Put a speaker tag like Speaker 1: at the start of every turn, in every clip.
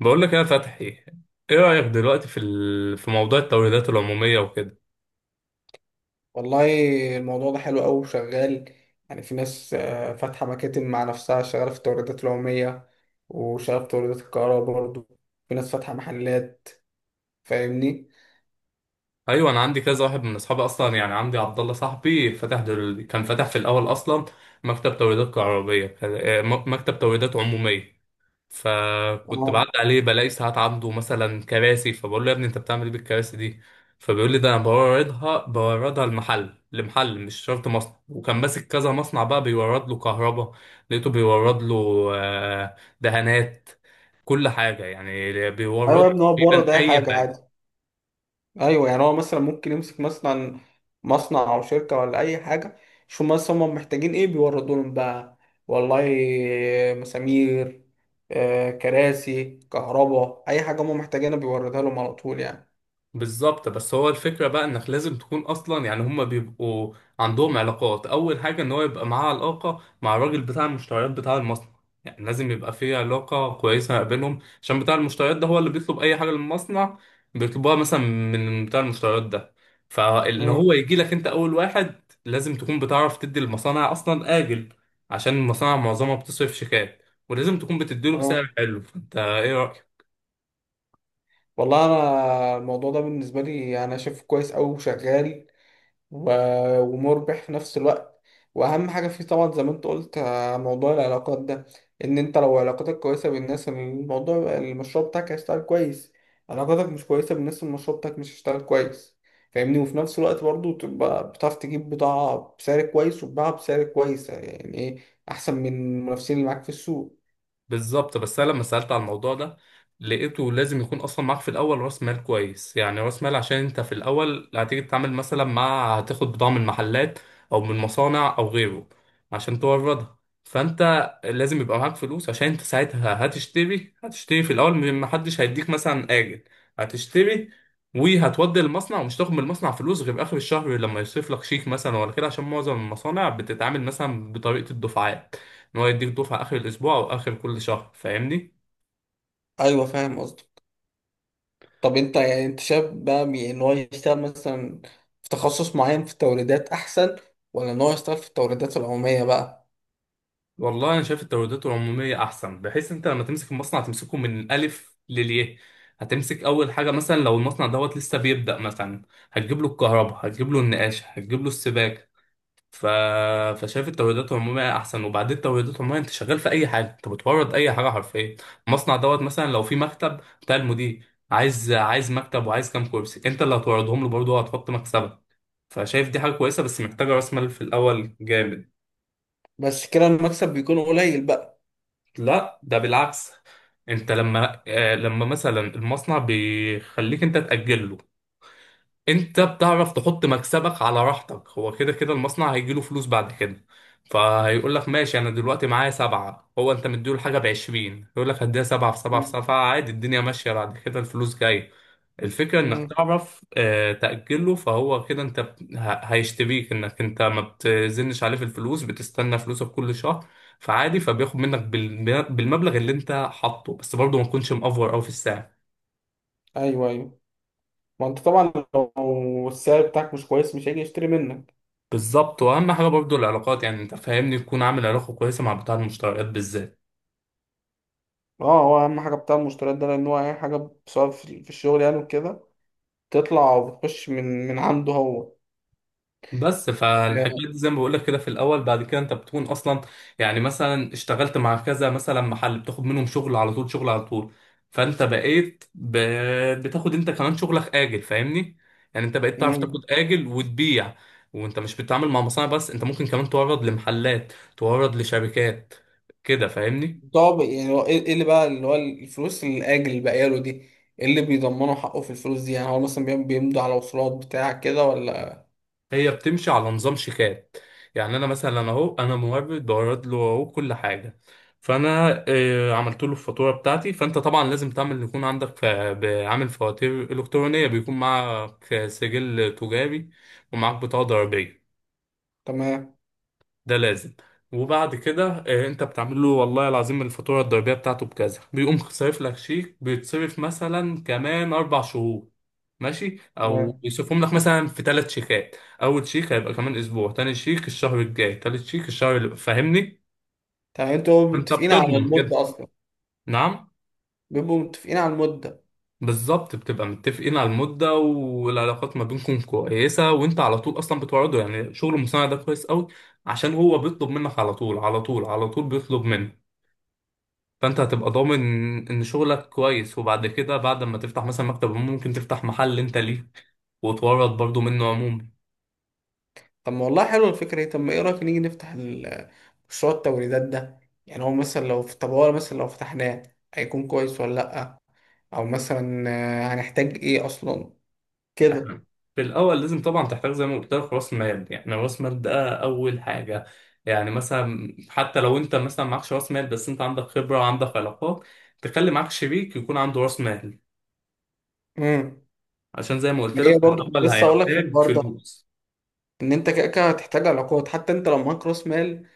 Speaker 1: بقول لك يا فتحي، ايه رأيك دلوقتي في موضوع التوريدات العمومية وكده؟
Speaker 2: والله، الموضوع ده حلو أوي وشغال. يعني في ناس فاتحة مكاتب مع نفسها، شغالة في التوريدات العمومية وشغالة في توريدات الكهرباء برضه. في ناس فاتحة محلات. فاهمني؟
Speaker 1: ايوه، انا عندي كذا واحد من اصحابي اصلا، يعني عندي عبد الله صاحبي كان فتح في الاول اصلا مكتب توريدات كهربائية، مكتب توريدات عمومية. فكنت
Speaker 2: اه.
Speaker 1: بعدي عليه بلاقي ساعات عنده مثلا كراسي، فبقول له يا ابني انت بتعمل ايه بالكراسي دي؟ فبيقول لي ده انا بوردها المحل لمحل، مش شرط مصنع. وكان ماسك كذا مصنع، بقى بيورد له كهرباء، لقيته بيورد له دهانات، كل حاجة يعني
Speaker 2: أيوة
Speaker 1: بيورد
Speaker 2: يا
Speaker 1: له،
Speaker 2: ابني، هو بورد
Speaker 1: تقريبا
Speaker 2: أي
Speaker 1: اي
Speaker 2: حاجة عادي.
Speaker 1: حاجة.
Speaker 2: أيوة، يعني هو مثلا ممكن يمسك مثلا مصنع أو شركة ولا أي حاجة. شوف مثلا هما محتاجين إيه، بيوردوا لهم بقى. والله، مسامير، كراسي كهرباء، أي حاجة هما محتاجينها بيوردها لهم على طول يعني.
Speaker 1: بالظبط، بس هو الفكرة بقى انك لازم تكون اصلا، يعني هما بيبقوا عندهم علاقات. اول حاجة ان هو يبقى معاه علاقة مع الراجل بتاع المشتريات بتاع المصنع، يعني لازم يبقى في علاقة كويسة ما بينهم، عشان بتاع المشتريات ده هو اللي بيطلب اي حاجة للمصنع، بيطلبوها مثلا من بتاع المشتريات ده. فان
Speaker 2: مم.
Speaker 1: هو يجي لك انت اول واحد، لازم تكون بتعرف تدي المصانع اصلا اجل، عشان المصانع معظمها بتصرف شيكات، ولازم تكون بتديله
Speaker 2: اه.
Speaker 1: سعر حلو. فانت ايه رأيك؟
Speaker 2: والله انا الموضوع ده بالنسبه لي، يعني انا شايفه كويس قوي وشغال، و- ومربح في نفس الوقت. واهم حاجه فيه طبعا، زي ما انت قلت، موضوع العلاقات ده. ان انت لو علاقاتك كويسه بالناس، الموضوع المشروع بتاعك هيشتغل كويس. علاقاتك مش كويسه بالناس، المشروع بتاعك مش هيشتغل كويس. فاهمني. وفي نفس الوقت برضه تبقى بتعرف تجيب بضاعه بسعر كويس وتباعها بسعر كويس، يعني ايه احسن من المنافسين اللي معاك في السوق.
Speaker 1: بالظبط، بس انا لما سالت على الموضوع ده لقيته لازم يكون اصلا معاك في الاول راس مال كويس، يعني راس مال عشان انت في الاول هتيجي تتعامل مثلا مع، هتاخد بضاعه من محلات او من مصانع او غيره عشان توردها. فانت لازم يبقى معاك فلوس، عشان انت ساعتها هتشتري في الاول من، محدش هيديك مثلا اجل، هتشتري وهتودي المصنع ومش تاخد من المصنع فلوس غير اخر الشهر لما يصرف لك شيك مثلا ولا كده، عشان معظم المصانع بتتعامل مثلا بطريقه الدفعات، ان هو يديك دفعه اخر الاسبوع او اخر كل شهر، فاهمني؟
Speaker 2: ايوه، فاهم قصدي. طب انت، يعني انت شايف بقى، ان هو يشتغل مثلا في تخصص معين في التوريدات احسن، ولا ان هو يشتغل في التوريدات العمومية بقى؟
Speaker 1: والله انا شايف التوريدات العموميه احسن، بحيث انت لما تمسك المصنع تمسكه من الالف للياء. هتمسك اول حاجه مثلا، لو المصنع دوت لسه بيبدا مثلا، هتجيب له الكهرباء، هتجيب له النقاش، هتجيب له السباكه. ف... فشايف التوريدات العموميه احسن. وبعدين التوريدات العموميه انت شغال في اي حاجه، انت بتورد اي حاجه حرفيا. المصنع دوت مثلا، لو في مكتب بتاع المدير، عايز مكتب وعايز كام كرسي، انت اللي هتوردهم له، برضه هتحط مكسبك. فشايف دي حاجة كويسة، بس محتاجة راس مال في الأول جامد.
Speaker 2: بس كده المكسب بيكون قليل بقى.
Speaker 1: لا ده بالعكس، انت لما لما مثلا المصنع بيخليك انت تأجل له، انت بتعرف تحط مكسبك على راحتك، هو كده كده المصنع هيجيله فلوس بعد كده. فهيقول لك ماشي، انا دلوقتي معايا سبعة، هو انت مديله الحاجة بعشرين، يقول لك هديها سبعة في سبعة في
Speaker 2: مم.
Speaker 1: سبعة عادي، الدنيا ماشية، بعد كده الفلوس جاية. الفكرة انك
Speaker 2: امم.
Speaker 1: تعرف تأجله. فهو كده انت هيشتريك، انك انت ما بتزنش عليه في الفلوس، بتستنى فلوسك كل شهر، فعادي. فبياخد منك بالمبلغ اللي انت حاطه، بس برضه ما تكونش مأفور قوي في السعر.
Speaker 2: ايوه، ايوه. ما انت طبعا لو السعر بتاعك مش كويس، مش هيجي يشتري منك.
Speaker 1: بالظبط، واهم حاجه برضو العلاقات، يعني انت فاهمني، تكون عامل علاقه كويسه مع بتاع المشتريات بالذات.
Speaker 2: اه، هو اهم حاجة بتاع المشتريات ده، لان هو اي حاجة سواء في الشغل يعني وكده، تطلع وبتخش من عنده هو.
Speaker 1: بس فالحكايه دي زي ما بقول لك كده في الاول، بعد كده انت بتكون اصلا، يعني مثلا اشتغلت مع كذا مثلا محل، بتاخد منهم شغل على طول شغل على طول. فانت بتاخد انت كمان شغلك اجل، فاهمني؟ يعني انت بقيت تعرف
Speaker 2: امم.
Speaker 1: تاخد اجل وتبيع. وانت مش بتتعامل مع مصانع بس، انت ممكن كمان تورد لمحلات، تورد لشركات كده، فاهمني؟
Speaker 2: طب يعني هو، إيه اللي بقى، اللي هو الفلوس الاجل اللي باقيه له دي، إيه اللي بيضمنوا حقه في الفلوس دي؟ يعني هو مثلا بيمضوا على وصولات بتاع كده ولا؟
Speaker 1: هي بتمشي على نظام شيكات. يعني انا مثلا، اهو انا مورد، بورد له اهو كل حاجه، فانا عملت له الفاتوره بتاعتي. فانت طبعا لازم تعمل، يكون عندك، عامل فواتير الكترونيه، بيكون معك سجل تجاري، ومعاك بطاقه ضريبيه،
Speaker 2: تمام.
Speaker 1: ده لازم. وبعد كده انت بتعمل له والله العظيم الفاتوره الضريبيه بتاعته بكذا، بيقوم صارف لك شيك، بيتصرف مثلا كمان اربع شهور ماشي، او
Speaker 2: تمام،
Speaker 1: بيصرفهم لك مثلا في ثلاث شيكات. اول شيك هيبقى كمان اسبوع، تاني شيك الشهر الجاي، تالت شيك الشهر اللي، فاهمني؟
Speaker 2: تمام، انتوا
Speaker 1: انت
Speaker 2: متفقين على
Speaker 1: بتضمن كده.
Speaker 2: المده اصلا؟
Speaker 1: نعم،
Speaker 2: بيبقوا متفقين على المده؟
Speaker 1: بالظبط، بتبقى متفقين على المده، والعلاقات ما بينكم كويسه، وانت على طول اصلا بتوعده، يعني شغل المصنع ده كويس قوي، عشان هو بيطلب منك على طول على طول على طول بيطلب منك. فانت هتبقى ضامن ان شغلك كويس، وبعد كده بعد ما تفتح مثلا مكتب ممكن تفتح محل انت ليك، وتورط برضو منه عموما.
Speaker 2: طب ما والله حلوه الفكره دي. طب ما ايه رايك نيجي نفتح مشروع التوريدات ده. يعني هو مثلا لو في، طب هو مثلا لو فتحناه، هيكون كويس ولا لا؟ او مثلا هنحتاج ايه اصلا كده؟
Speaker 1: احنا في الاول لازم طبعا تحتاج زي ما قلت لك راس مال، يعني راس مال ده اول حاجه. يعني مثلا حتى لو انت مثلا معكش راس مال، بس انت عندك خبره وعندك علاقات، تخلي معاك شريك يكون عنده راس مال،
Speaker 2: امم.
Speaker 1: عشان زي ما قلت لك
Speaker 2: هي
Speaker 1: في
Speaker 2: برضه كنت
Speaker 1: الاول
Speaker 2: لسه اقول لك في
Speaker 1: هيحتاج
Speaker 2: الحوار ده،
Speaker 1: فلوس.
Speaker 2: ان انت كده كده هتحتاج علاقات. حتى انت لو معاك راس مال،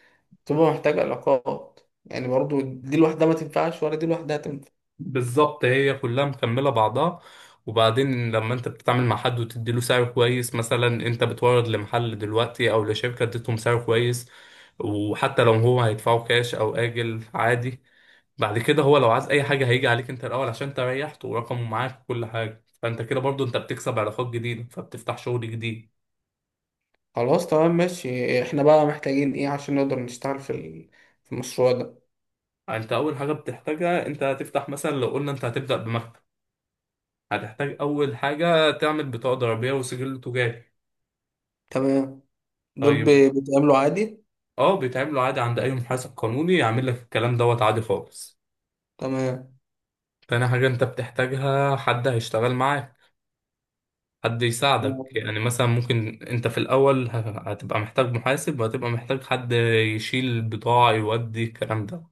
Speaker 2: تبقى محتاج علاقات. يعني برضو دي لوحدها ما تنفعش ولا دي لوحدها تنفع.
Speaker 1: بالظبط، هي كلها مكملة بعضها. وبعدين لما انت بتتعامل مع حد وتديله سعر كويس، مثلا انت بتورد لمحل دلوقتي او لشركة، اديتهم سعر كويس، وحتى لو هو هيدفعه كاش او آجل عادي، بعد كده هو لو عايز اي حاجة هيجي عليك انت الاول، عشان انت ريحته ورقمه معاك وكل حاجة. فانت كده برضو انت بتكسب علاقات جديدة، فبتفتح شغل جديد.
Speaker 2: خلاص، تمام، ماشي. احنا بقى محتاجين ايه عشان نقدر نشتغل في المشروع ده؟
Speaker 1: انت اول حاجة بتحتاجها، انت هتفتح مثلا، لو قلنا انت هتبدأ بمكتب، هتحتاج اول حاجة تعمل بطاقة ضريبية وسجل تجاري.
Speaker 2: تمام. دول
Speaker 1: طيب،
Speaker 2: بيتعاملوا عادي؟
Speaker 1: اه بيتعملوا عادي عند اي محاسب قانوني، يعمل لك الكلام دوت عادي خالص.
Speaker 2: تمام.
Speaker 1: تاني حاجة انت بتحتاجها حد هيشتغل معاك، حد يساعدك، يعني مثلا ممكن انت في الاول هتبقى محتاج محاسب، وهتبقى محتاج حد يشيل البضاعة يودي الكلام ده.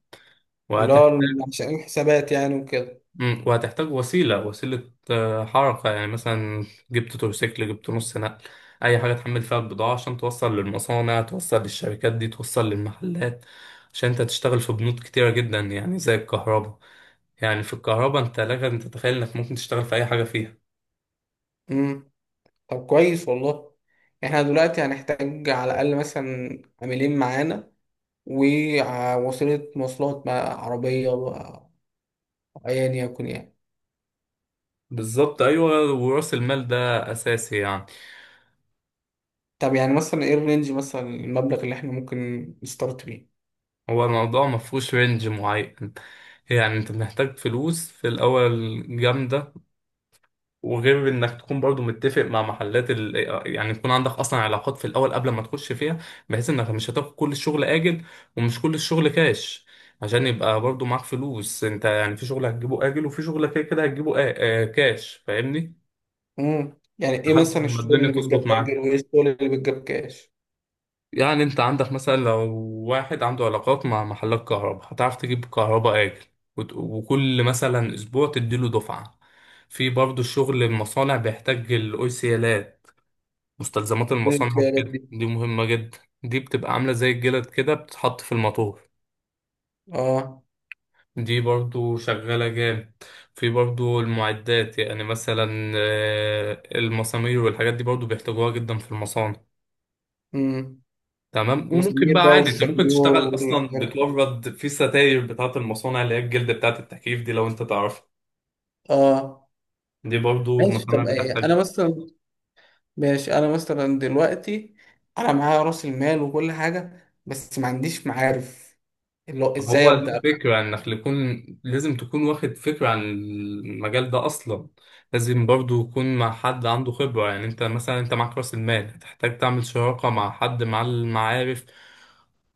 Speaker 2: اللي هو
Speaker 1: وهتحتاج
Speaker 2: عشان الحسابات يعني وكده.
Speaker 1: وهتحتاج وسيلة حركة، يعني مثلا جبت تروسيكل، جبت نص نقل، اي حاجة تحمل فيها البضاعة عشان توصل للمصانع، توصل للشركات دي، توصل للمحلات. عشان انت تشتغل في بنود كتيرة جدا، يعني زي الكهرباء. يعني في الكهرباء انت لك ان تتخيل انك ممكن تشتغل في اي حاجه فيها.
Speaker 2: امم. طب كويس والله. احنا دلوقتي هنحتاج على الاقل مثلا عاملين معانا، ووسيلة مواصلات مع عربية أو أيا يكن يعني.
Speaker 1: بالظبط ايوه، وراس المال ده اساسي يعني.
Speaker 2: طب يعني مثلا ايه الرينج، مثلا المبلغ اللي احنا ممكن نستارت بيه؟
Speaker 1: هو الموضوع ما فيهوش رينج معين، يعني انت محتاج فلوس في الاول جامده، وغير انك تكون برضو متفق مع محلات يعني يكون عندك اصلا علاقات في الاول قبل ما تخش فيها، بحيث انك مش هتاخد كل الشغل اجل، ومش كل الشغل كاش، عشان يبقى برضو معاك فلوس انت، يعني في شغل هتجيبه اجل، وفي شغل كده كده هتجيبه كاش، فاهمني؟
Speaker 2: امم. يعني ايه
Speaker 1: لحد
Speaker 2: مثلا
Speaker 1: ما
Speaker 2: الشغل
Speaker 1: الدنيا
Speaker 2: اللي
Speaker 1: تظبط
Speaker 2: بتجاب
Speaker 1: معاك.
Speaker 2: اجل وايه الشغل اللي بتجاب كاش؟
Speaker 1: يعني انت عندك مثلا، لو واحد عنده علاقات مع محلات كهرباء، هتعرف تجيب كهرباء اجل، وكل مثلا اسبوع تديله دفعة. في برضه الشغل المصانع بيحتاج الاوسيالات، مستلزمات
Speaker 2: ايه
Speaker 1: المصانع
Speaker 2: الخيارات دي؟
Speaker 1: وكده، دي مهمة جدا. دي بتبقى عاملة زي الجلد كده، بتتحط في الموتور.
Speaker 2: اه.
Speaker 1: دي برضه شغالة جامد. في برضه المعدات، يعني مثلا المسامير والحاجات دي برضه بيحتاجوها جدا في المصانع.
Speaker 2: امم.
Speaker 1: تمام، وممكن
Speaker 2: المسامير
Speaker 1: بقى
Speaker 2: بقى
Speaker 1: عادي انت ممكن
Speaker 2: والشنيور
Speaker 1: تشتغل اصلا،
Speaker 2: والحاجات دي كلها.
Speaker 1: بتورد في ستاير بتاعه المصانع، اللي هي الجلد بتاعه التكييف دي لو انت تعرفها،
Speaker 2: اه.
Speaker 1: دي برضو
Speaker 2: ماشي،
Speaker 1: مصانع
Speaker 2: طب ايه
Speaker 1: بتحتاج.
Speaker 2: انا مثلا، ماشي، انا مثلا دلوقتي، انا معايا راس المال وكل حاجه بس ما عنديش معارف، اللي هو، ازاي
Speaker 1: هو دي
Speaker 2: ابدا بقى؟
Speaker 1: الفكرة، انك يكون لازم تكون واخد فكرة عن المجال ده اصلا. لازم برضو يكون مع حد عنده خبرة، يعني انت مثلا انت معاك راس المال، هتحتاج تعمل شراكة مع حد، مع المعارف،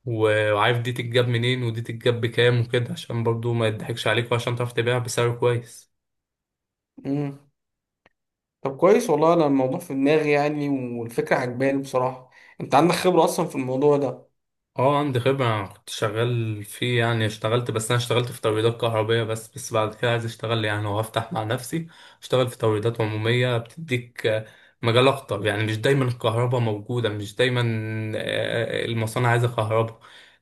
Speaker 1: وعارف دي تتجاب منين، ودي تتجاب بكام وكده، عشان برضو ما يضحكش عليك، وعشان تعرف تبيعها بسعر كويس.
Speaker 2: امم. طب كويس والله. انا الموضوع في دماغي يعني، والفكره عجباني بصراحه. انت عندك خبره اصلا في الموضوع ده؟
Speaker 1: اه عندي خبرة، أنا كنت شغال فيه يعني، اشتغلت، بس أنا اشتغلت في توريدات كهربية بس بعد كده عايز اشتغل يعني، وأفتح مع نفسي، اشتغل في توريدات عمومية، بتديك مجال أكتر، يعني مش دايما الكهرباء موجودة، مش دايما المصانع عايزة كهرباء.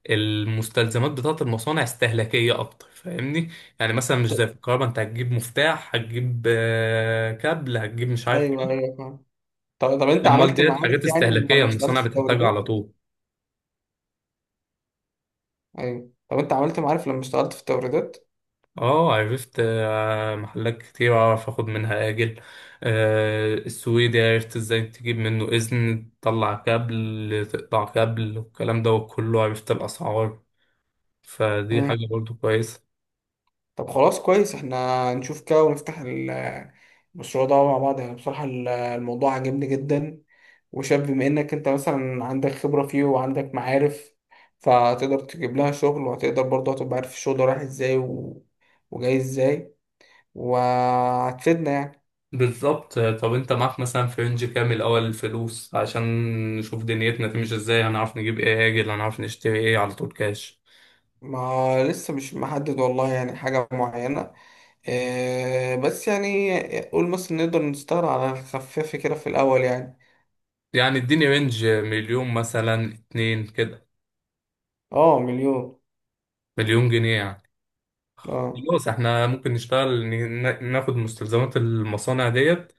Speaker 1: المستلزمات بتاعة المصانع استهلاكية أكتر، فاهمني؟ يعني مثلا مش زي في الكهرباء، أنت هتجيب مفتاح، هتجيب كابل، هتجيب مش عارف
Speaker 2: ايوه،
Speaker 1: إيه.
Speaker 2: ايوه، فاهم. طب انت
Speaker 1: أمال
Speaker 2: عملت
Speaker 1: ديت
Speaker 2: معارف
Speaker 1: حاجات
Speaker 2: يعني من
Speaker 1: استهلاكية
Speaker 2: لما اشتغلت
Speaker 1: المصانع
Speaker 2: في
Speaker 1: بتحتاجها
Speaker 2: التوريدات؟
Speaker 1: على طول.
Speaker 2: ايوه. طب انت عملت معارف لما اشتغلت في التوريدات؟
Speaker 1: اه عرفت محلات كتير اعرف اخد منها اجل، السويدي عرفت ازاي تجيب منه اذن، تطلع كابل، تقطع كابل، والكلام ده كله، عرفت الاسعار، فدي
Speaker 2: امم.
Speaker 1: حاجة برضو كويسة.
Speaker 2: طب خلاص، كويس. احنا نشوف كده ونفتح المشروع ده مع بعض. يعني بصراحة، الموضوع عجبني جدا. وشايف بما انك انت مثلا عندك خبرة فيه وعندك معارف، فهتقدر تجيب لها شغل، وهتقدر برضه هتبقى عارف الشغل ده رايح ازاي و... وجاي ازاي. وهتفيدنا يعني.
Speaker 1: بالظبط، طب انت معاك مثلا في رينج كامل اول الفلوس، عشان نشوف دنيتنا تمشي ازاي، هنعرف نجيب ايه اجل، هنعرف نشتري ايه على طول كاش.
Speaker 2: ما لسه مش محدد والله يعني حاجة معينة، بس يعني قول مثلا نقدر نستغل على خفاف كده في الأول يعني.
Speaker 1: يعني اديني رينج 1 مليون مثلا 2 كده،
Speaker 2: اه، مليون.
Speaker 1: 1 مليون جنيه يعني.
Speaker 2: اه،
Speaker 1: خلاص احنا ممكن نشتغل، ناخد مستلزمات المصانع ديت،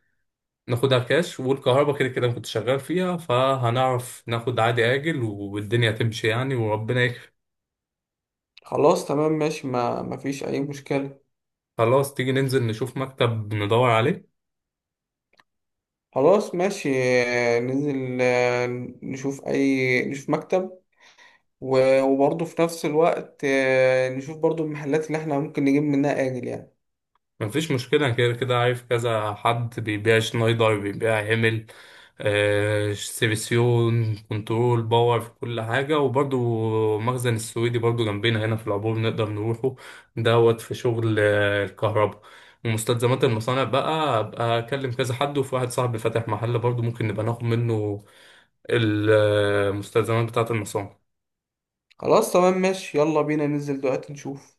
Speaker 1: ناخدها كاش، والكهرباء كده كده أنا كنت شغال فيها، فهنعرف ناخد عادي آجل، والدنيا تمشي يعني، وربنا يكرم.
Speaker 2: خلاص، تمام، ماشي، ما فيش أي مشكلة.
Speaker 1: خلاص تيجي ننزل نشوف مكتب ندور عليه.
Speaker 2: خلاص، ماشي. ننزل، نشوف مكتب، و- وبرضه في نفس الوقت نشوف برضه المحلات اللي احنا ممكن نجيب منها آجل يعني.
Speaker 1: مفيش مشكلة، كده كده عارف كذا حد، بيبيع شنايدر، بيبيع هيمل، آه سيفيسيون كنترول باور، في كل حاجة، وبرضو مخزن السويدي برضو جنبنا هنا في العبور، نقدر نروحه. دوت في شغل الكهرباء. ومستلزمات المصانع بقى أبقى أكلم كذا حد، وفي واحد صاحبي فاتح محل برضو ممكن نبقى ناخد منه المستلزمات بتاعة المصانع.
Speaker 2: خلاص، تمام، ماشي. يلا بينا ننزل دلوقتي نشوف.